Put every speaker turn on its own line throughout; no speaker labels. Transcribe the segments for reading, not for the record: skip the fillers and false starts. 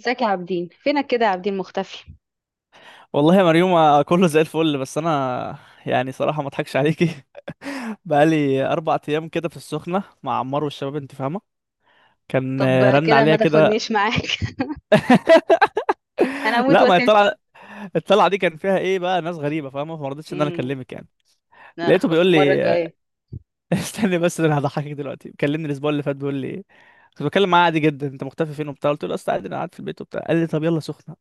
ازيك يا عابدين؟ فينك كده يا عابدين؟ مختفي؟
والله يا مريومة، كله زي الفل. بس أنا يعني صراحة ما أضحكش عليكي. بقالي أربع أيام كده في السخنة مع عمار والشباب، أنت فاهمة. كان
طب
رن
كده ما
عليا كده.
تاخدنيش معاك. انا هموت
لا ما هي
واسافر.
الطلعة دي كان فيها إيه بقى؟ ناس غريبة فاهمة، فما رضيتش إن أنا
امم.
أكلمك يعني.
لا لا،
لقيته
خلاص
بيقول
المره
لي
الجايه.
استني بس، ده أنا هضحكك دلوقتي. كلمني الأسبوع اللي فات بيقول لي، كنت بتكلم معاه عادي جدا، أنت مختفي فين وبتاع؟ قلت له، أصل عادي أنا قاعد في البيت وبتاع. قال لي، طب يلا سخنة.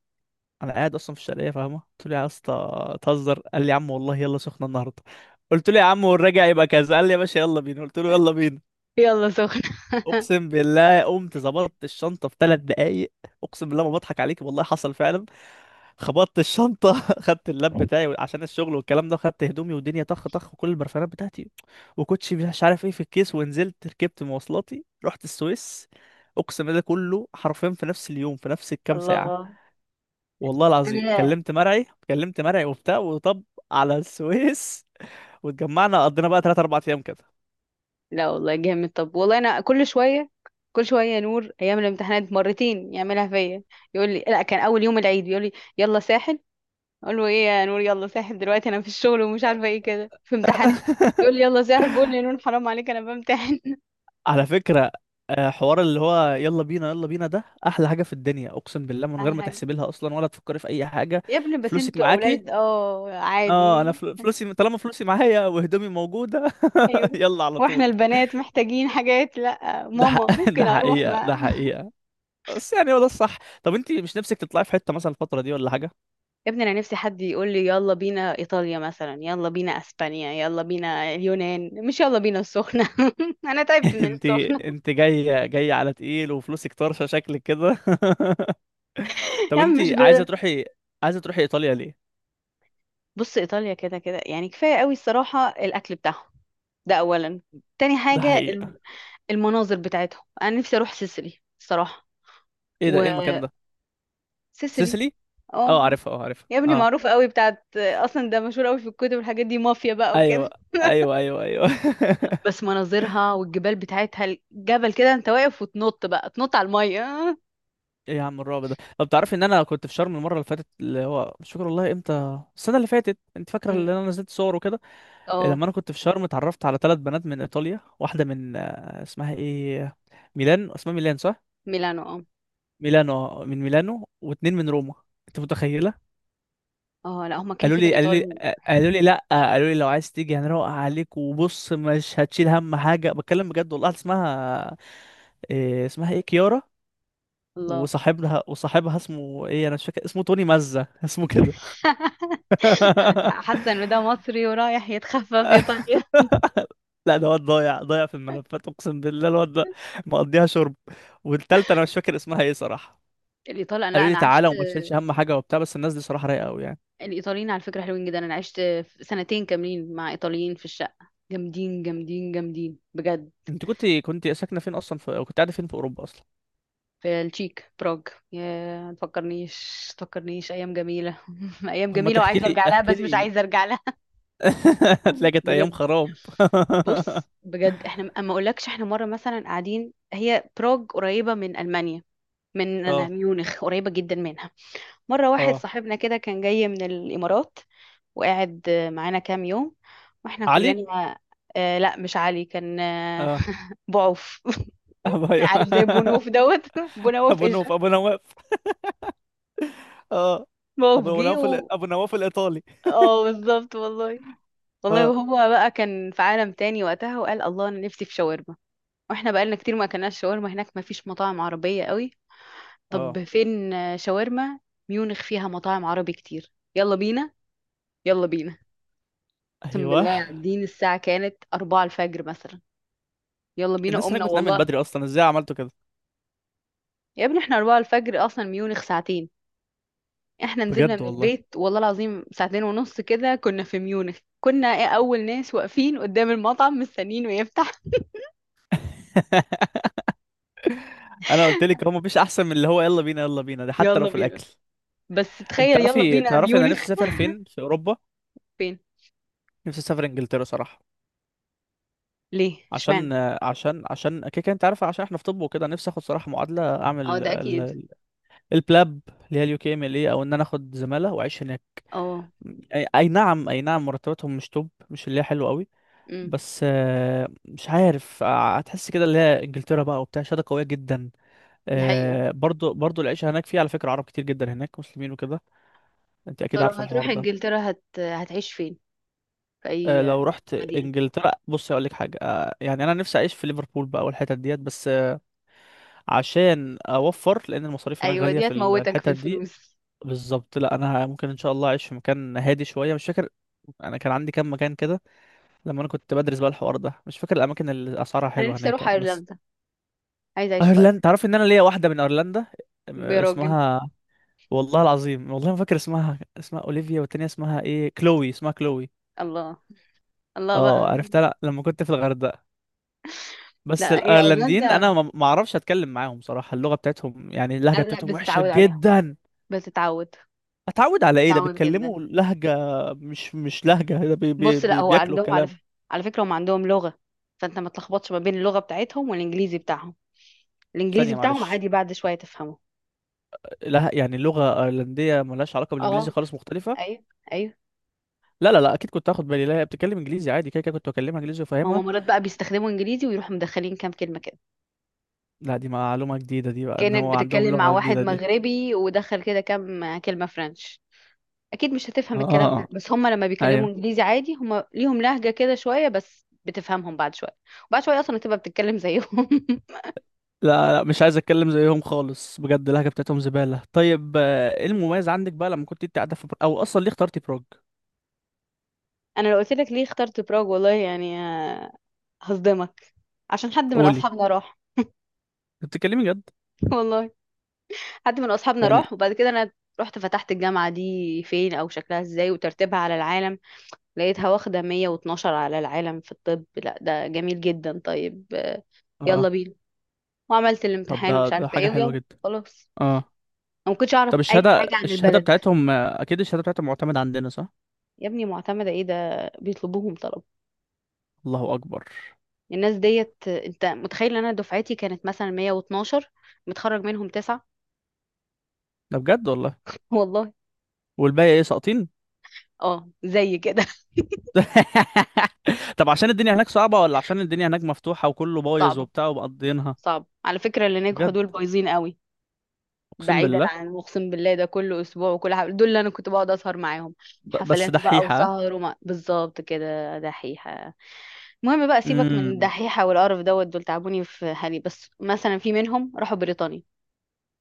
انا قاعد اصلا في الشرقيه فاهمه، قلت له، يا اسطى تهزر؟ قال لي، يا عم والله يلا سخنه النهارده. قلت له، يا عم والراجع يبقى كذا. قال لي، يا باشا يلا بينا. قلت له، يلا بينا.
يلا سخن.
اقسم بالله قمت ظبطت الشنطه في ثلاث دقايق. اقسم بالله ما بضحك عليك، والله حصل فعلا. خبطت الشنطه، خدت اللاب بتاعي عشان الشغل والكلام ده، خدت هدومي والدنيا طخ طخ، وكل البرفانات بتاعتي وكوتشي مش عارف ايه في الكيس، ونزلت ركبت مواصلاتي رحت السويس. اقسم بالله كله حرفيا في نفس اليوم، في نفس الكام ساعه.
الله.
والله العظيم
انا.
كلمت مرعي وبتاع، وطب على السويس. واتجمعنا، قضينا بقى 3 4 ايام كده.
لا والله جامد. طب والله انا كل شويه يا نور، ايام الامتحانات مرتين يعملها فيا. يقول لي لا، كان اول يوم العيد بيقول لي يلا ساحل. اقول له ايه يا نور، يلا ساحل دلوقتي؟ انا في الشغل ومش عارفه ايه، كده في امتحانات. يقول لي يلا ساحل. بقول له يا نور حرام عليك، انا بمتحن.
على فكرة، حوار اللي هو يلا بينا يلا بينا ده احلى حاجة في الدنيا، اقسم بالله، من غير
احلى
ما
حاجه.
تحسبي لها اصلا ولا تفكري في اي حاجة.
يا ابني بس
فلوسك
انتوا
معاكي؟
اولاد
اه انا
عادي.
فلوسي، طالما فلوسي معايا وهدومي موجودة.
ايوه.
يلا على
واحنا
طول.
البنات محتاجين حاجات، لا ماما
ده
ممكن اروح،
حقيقة،
ما...
ده حقيقة. بس يعني هو ده الصح. طب انت مش نفسك تطلعي في حتة مثلا الفترة دي ولا حاجة؟
يا ابني انا نفسي حد يقول لي يلا بينا ايطاليا مثلا، يلا بينا اسبانيا، يلا بينا اليونان، مش يلا بينا السخنه. انا تعبت من
انت
السخنه.
انت جاي جاي على تقيل وفلوسك طرشه شكلك كده. طب
يا
انت
عم مش
عايزه
ب...
تروحي عايزه تروحي ايطاليا ليه؟
بص، ايطاليا كده كده يعني كفايه قوي، الصراحه الاكل بتاعهم، ده اولا. تاني
ده
حاجه
حقيقه.
المناظر بتاعتهم، انا نفسي اروح سيسيلي الصراحه.
ايه ده، ايه المكان ده؟
وسيسيلي.
سيسيلي. اه
اه.
عارفها، اه عارفها،
يا ابني
اه.
معروفه قوي، بتاعت اصلا ده مشهور قوي في الكتب والحاجات دي، مافيا بقى
ايوه،
وكده.
ايوه، ايوه، ايوه.
بس مناظرها والجبال بتاعتها، الجبل كده انت واقف وتنط بقى تنط على المية. اه.
ايه يا عم الرعب ده؟ طب تعرفي ان انا كنت في شرم المره اللي فاتت، اللي هو مش فاكر والله امتى، السنه اللي فاتت، انت فاكره اللي
أمم.
انا نزلت صور وكده؟
آه،
لما انا كنت في شرم اتعرفت على ثلاث بنات من ايطاليا. واحده من اسمها ايه، ميلان، اسمها ميلان صح؟
ميلانو اه.
ميلانو، من ميلانو، واتنين من روما. انت متخيله؟
اه، لا هما كده
قالوا
كده
لي قالوا لي
الايطال...
قالوا لي لا قالوا لي، لو عايز تيجي هنروق عليك وبص مش هتشيل هم حاجه، بتكلم بجد والله. واحدة اسمها إيه، اسمها ايه، كيارا.
الله.
وصاحبها اسمه ايه، انا مش فاكر اسمه، توني مزة اسمه كده.
انا حاسه ان ده مصري ورايح يتخفى في ايطاليا.
لا ده واد ضايع ضايع في الملفات، اقسم بالله الواد ده مقضيها شرب. والتالتة انا مش فاكر اسمها ايه صراحه.
الايطال... انا، لا،
قالوا لي
انا
تعالى
عشت.
وما تشيلش هم حاجه وبتاع، بس الناس دي صراحه رايقه قوي يعني.
الايطاليين على فكره حلوين جدا. انا عشت سنتين كاملين مع ايطاليين في الشقه. جامدين جامدين جامدين بجد.
انت كنت ساكنه فين اصلا أو كنت قاعده فين في اوروبا اصلا؟
في التشيك، براغ. يا ما تفكرنيش، ما تفكرنيش، ايام جميله. ايام
طب ما
جميله
تحكي
وعايزه
لي
ارجع لها،
احكي
بس مش
لي.
عايزه ارجع لها.
هتلاقي كانت ايام
بجد.
خراب.
بص بجد، احنا اما اقولكش، احنا مره مثلا قاعدين، هي بروج قريبه من المانيا، أنا
اه،
ميونخ قريبه جدا منها. مره واحد
اه،
صاحبنا كده كان جاي من الامارات، وقاعد معانا كام يوم، واحنا
علي.
كلنا... آه، لا مش علي، كان
اه،
بعوف. عارف، زي
أيوة.
بونوف دوت... بونوف ايش؟
ابو نواف. اه،
بعوف جه و...
ابو نواف الايطالي.
اه بالظبط والله. والله
اه،
وهو بقى كان في عالم تاني وقتها، وقال الله انا نفسي في شاورما. واحنا بقالنا كتير ما اكلناش شاورما، هناك ما فيش مطاعم عربية قوي.
اه،
طب فين شاورما؟ ميونخ فيها مطاعم عربي كتير، يلا بينا. يلا بينا. اقسم
ايوه.
بالله، قاعدين الساعة كانت أربعة الفجر مثلا، يلا بينا.
الناس هناك
قمنا
بتنام من
والله.
بدري اصلا، ازاي عملتوا كده؟
يا ابني، احنا أربعة الفجر، أصلا ميونخ ساعتين، احنا نزلنا
بجد
من
والله.
البيت والله العظيم ساعتين ونص كده كنا في ميونخ، كنا ايه، أول ناس واقفين قدام المطعم مستنيين ويفتح.
انا قلت لك هو مفيش احسن من اللي هو يلا بينا يلا بينا ده، حتى لو
يلا
في
بينا.
الاكل.
بس
انت
تخيل يلا
تعرفي
بينا
تعرفي انا نفسي
ميونخ.
اسافر فين في اوروبا؟
فين؟
نفسي اسافر انجلترا صراحه.
ليه،
عشان
اشمعنى؟
عشان كده كده، انت عارف، عشان احنا في طب وكده، نفسي اخد صراحه معادله،
اه،
اعمل
ده أكيد.
البلاب اللي هي اليو كي ام ال اي، او ان انا اخد زماله واعيش هناك.
اه،
اي، اي نعم، اي نعم. مرتباتهم مش توب، مش اللي هي حلوه قوي. بس مش عارف، هتحس كده اللي هي انجلترا بقى وبتاع شهاده قويه جدا.
دي حقيقة.
برضو العيشه هناك فيها على فكره عرب كتير جدا هناك، مسلمين وكده. انت
طب
اكيد
لو
عارفه الحوار
هتروح
ده.
انجلترا هتعيش فين، في اي
لو رحت
مدينة؟
انجلترا بص اقول لك حاجه، يعني انا نفسي اعيش في ليفربول بقى والحتت ديت بس. عشان اوفر لان المصاريف هناك
ايوه
غاليه
دي
في
هتموتك
الحتت
في
دي.
الفلوس.
بالظبط. لا، انا ممكن ان شاء الله اعيش في مكان هادي شويه، مش فاكر. انا كان عندي كام مكان كده لما انا كنت بدرس بقى الحوار ده، مش فاكر الاماكن اللي اسعارها
انا
حلوه
نفسي
هناك
اروح
يعني، بس.
ايرلندا، عايزة اعيش في
ايرلندا،
ايرلندا.
تعرف ان انا ليا واحده من ايرلندا؟
يا راجل.
اسمها، والله العظيم والله ما فاكر اسمها اولivia، والتانية اسمها ايه، كلوي، اسمها كلوي.
الله، الله
اه
بقى.
عرفتها، لا، لما كنت في الغردقه. بس
لا هي
الايرلنديين
ايرلندا...
انا ما اعرفش اتكلم معاهم صراحه، اللغه بتاعتهم يعني اللهجه
أنا، لا،
بتاعتهم وحشه
بتتعود عليها.
جدا.
بتتعود.
اتعود على ايه؟ ده
بتتعود جدا.
بيتكلموا لهجة، مش لهجة، ده بي بي
بص، لا
بي
هو
بياكلوا
عندهم
كلام.
على فكرة هم عندهم لغة، فانت ما تلخبطش ما بين اللغة بتاعتهم والانجليزي بتاعهم. الانجليزي
ثانية
بتاعهم
معلش.
عادي، بعد شوية تفهمه.
لا يعني اللغة ايرلندية ملهاش علاقة بالانجليزي
اه.
خالص، مختلفة.
ايوه. ايوه.
لا، لا، لا، اكيد كنت هاخد بالي. لا هي بتتكلم انجليزي عادي كده كده، كنت بكلمها انجليزي
ما
وفاهمها.
هم مرات بقى بيستخدموا انجليزي ويروحوا مدخلين كام كلمة كده،
لا دي معلومة جديدة دي بقى، ان
كأنك
هو عندهم
بتتكلم مع
لغة
واحد
جديدة دي.
مغربي ودخل كده كام كلمة فرنش. أكيد مش هتفهم الكلام ده،
اه،
بس هما لما بيكلموا
ايوه.
إنجليزي عادي، هما ليهم لهجة كده شوية، بس بتفهمهم بعد شوية. وبعد شوية أصلا هتبقى بتتكلم زيهم.
لا، لا، مش عايز اتكلم زيهم خالص، بجد اللهجة بتاعتهم زبالة. طيب ايه المميز عندك بقى لما كنت انت قاعدة في او اصلا ليه اخترتي بروج؟
أنا لو قلت لك ليه اخترت براغ، والله يعني، هصدمك. عشان حد من
قولي،
أصحابنا راح.
بتتكلمي جد؟
والله. حد من أصحابنا
يعني
راح، وبعد كده أنا رحت فتحت الجامعة دي فين أو شكلها إزاي وترتيبها على العالم. لقيتها واخدة 112 على العالم في الطب، لا ده جميل جدا، طيب
اه.
يلا بينا. وعملت
طب
الامتحان
ده
ومش
ده
عارفه
حاجة
ايه
حلوة
ويلا،
جدا.
خلاص.
اه.
انا ما كنتش اعرف
طب
اي
الشهادة
حاجه عن
الشهادة
البلد.
بتاعتهم أكيد الشهادة بتاعتهم معتمدة عندنا صح؟
يا ابني معتمده، ايه ده، بيطلبوهم طلب.
الله أكبر.
الناس ديت، انت متخيل ان انا دفعتي كانت مثلا 112، متخرج منهم تسعة.
ده بجد والله؟
والله.
والباقي إيه، ساقطين؟
اه، زي كده.
طب عشان الدنيا هناك صعبة، ولا عشان الدنيا هناك مفتوحة وكله بايظ
صعبه.
وبتاع ومقضينها؟
صعبه على فكره، اللي نجحوا
بجد.
دول بايظين قوي.
أقسم
بعيدا
بالله.
عن اقسم بالله ده، كل اسبوع وكل حاجه، دول اللي انا كنت بقعد اسهر معاهم،
بس
حفلات بقى
دحيحة.
وسهر وما بالظبط كده، دحيحه. المهم بقى، سيبك من
امم،
الدحيحة والقرف دوت، دول تعبوني في حالي. بس مثلا في منهم راحوا بريطانيا،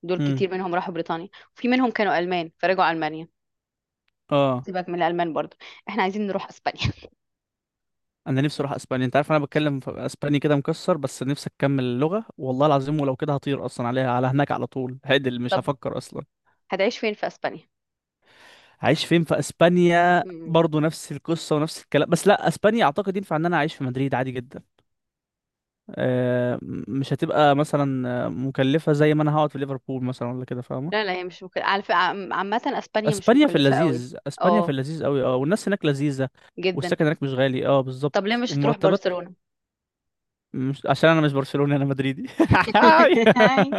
دول
امم،
كتير منهم راحوا بريطانيا. وفي منهم كانوا ألمان فرجعوا ألمانيا.
اه.
سيبك من الألمان برضو، احنا عايزين نروح أسبانيا.
أنا نفسي أروح أسبانيا، أنت عارف أنا بتكلم في أسباني كده مكسر، بس نفسي أكمل اللغة والله العظيم. ولو كده هطير أصلا عليها، على هناك، على طول، هعدل، مش
طب
هفكر أصلا.
هتعيش فين في أسبانيا؟
عايش فين في اسبانيا؟
مم.
برضو نفس القصه ونفس الكلام. بس لا اسبانيا اعتقد ينفع ان انا اعيش في مدريد عادي جدا. مش هتبقى مثلا مكلفه زي ما انا هقعد في ليفربول مثلا، ولا كده فاهمه.
لا لا، هي مش مكلفة على فكرة، عامة أسبانيا مش مكلفة قوي.
اسبانيا في
اه،
اللذيذ قوي، اه. والناس هناك لذيذه،
جدا.
والسكن هناك مش غالي، اه
طب ليه
بالظبط،
مش هتروح
والمرتبات.
برشلونة؟
مش عشان انا مش برشلوني، انا مدريدي.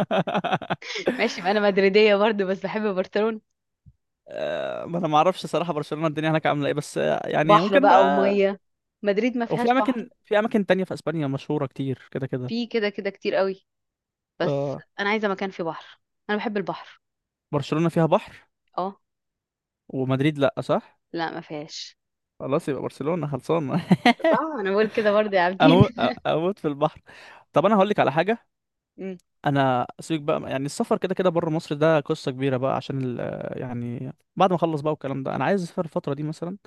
ماشي، ما انا مدريدية برضو بس بحب برشلونة.
ما انا ما اعرفش صراحه برشلونه الدنيا هناك عامله ايه، بس يعني
بحر
ممكن
بقى
بقى.
ومية، مدريد ما
وفي
فيهاش بحر.
اماكن في اماكن تانية في اسبانيا مشهورة كتير كده كده.
في كده كده كتير قوي، بس
آه
انا عايزه مكان فيه بحر. انا بحب البحر.
برشلونة فيها بحر،
اه.
ومدريد لا، صح؟
لا ما فيهاش.
خلاص يبقى برشلونة خلصانة.
صح، انا بقول كده برضه يا عابدين.
اموت، اموت في البحر. طب انا هقول لك على حاجة.
أمم،
انا سيبك بقى يعني، السفر كده كده بره مصر ده قصة كبيرة بقى، عشان يعني بعد ما اخلص بقى والكلام ده. انا عايز اسافر الفترة دي مثلا.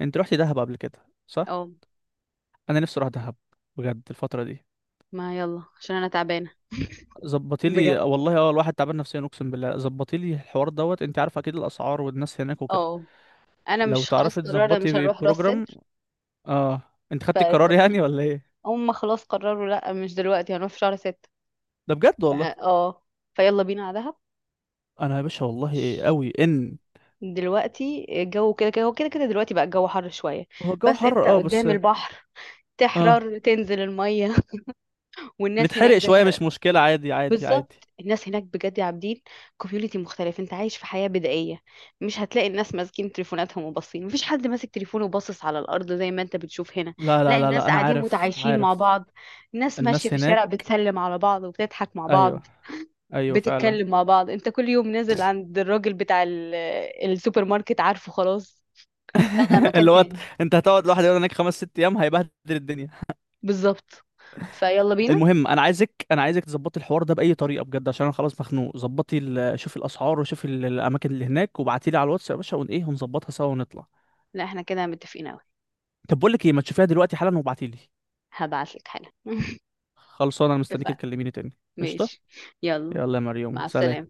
انت رحتي دهب قبل كده، صح؟
اه،
انا نفسي اروح دهب بجد الفترة دي.
ما يلا عشان انا تعبانه.
ظبطي لي
بجد.
والله، اه الواحد تعبان نفسيا اقسم بالله، ظبطي لي الحوار دوت. انت عارف اكيد الاسعار والناس هناك وكده.
اه. انا
لو
مش، خلاص
تعرفي
قررنا مش
تظبطي
هنروح راس
بروجرام،
سدر.
اه. انت خدتي القرار
فيلا بينا.
يعني ولا ايه؟
هم خلاص قرروا لا، مش دلوقتي، هنروح في شهر ستة.
ده بجد
ف-
والله.
اه فيلا بينا على دهب.
انا يا باشا والله
ش-
قوي ان...
دلوقتي الجو كده كده، هو كده كده دلوقتي بقى الجو حر شويه،
هو الجو
بس
حر،
انت
اه بس.
قدام البحر
اه
تحرر تنزل الميه. والناس هناك
نتحرق شويه
زي...
مش مشكله، عادي، عادي، عادي.
بالظبط الناس هناك بجد يا عابدين، كوميونيتي مختلف، انت عايش في حياة بدائية. مش هتلاقي الناس ماسكين تليفوناتهم وباصين، مفيش حد ماسك تليفونه وباصص على الأرض زي ما انت بتشوف هنا.
لا، لا،
لا
لا، لا،
الناس
انا
قاعدين
عارف،
متعايشين مع
عارف.
بعض، الناس ماشية
الناس
في الشارع
هناك،
بتسلم على بعض وبتضحك مع
ايوه،
بعض،
ايوه فعلا.
بتتكلم مع بعض. انت كل يوم نازل عند الراجل بتاع السوبر ماركت، عارفه، خلاص. لا لا، مكان
اللي هو
تاني.
انت هتقعد لوحدك هناك خمس ست ايام هيبهدل الدنيا.
بالظبط. فيلا بينا.
المهم انا عايزك تظبطي الحوار ده باي طريقه، بجد عشان انا خلاص مخنوق. ظبطي شوفي الاسعار، وشوفي الاماكن اللي هناك، وابعتي لي على الواتس يا باشا، ون ايه هنظبطها سوا ونطلع.
لا احنا كده متفقين اوي.
طب بقول لك ايه، ما تشوفيها دلوقتي حالا وابعتيلي.
هبعتلك حالا.
خلصانه، انا مستنيك
اتفقنا.
تكلميني تاني، قشطه.
ماشي. يلا.
يلا يا
مع
مريم، سلام.
السلامة.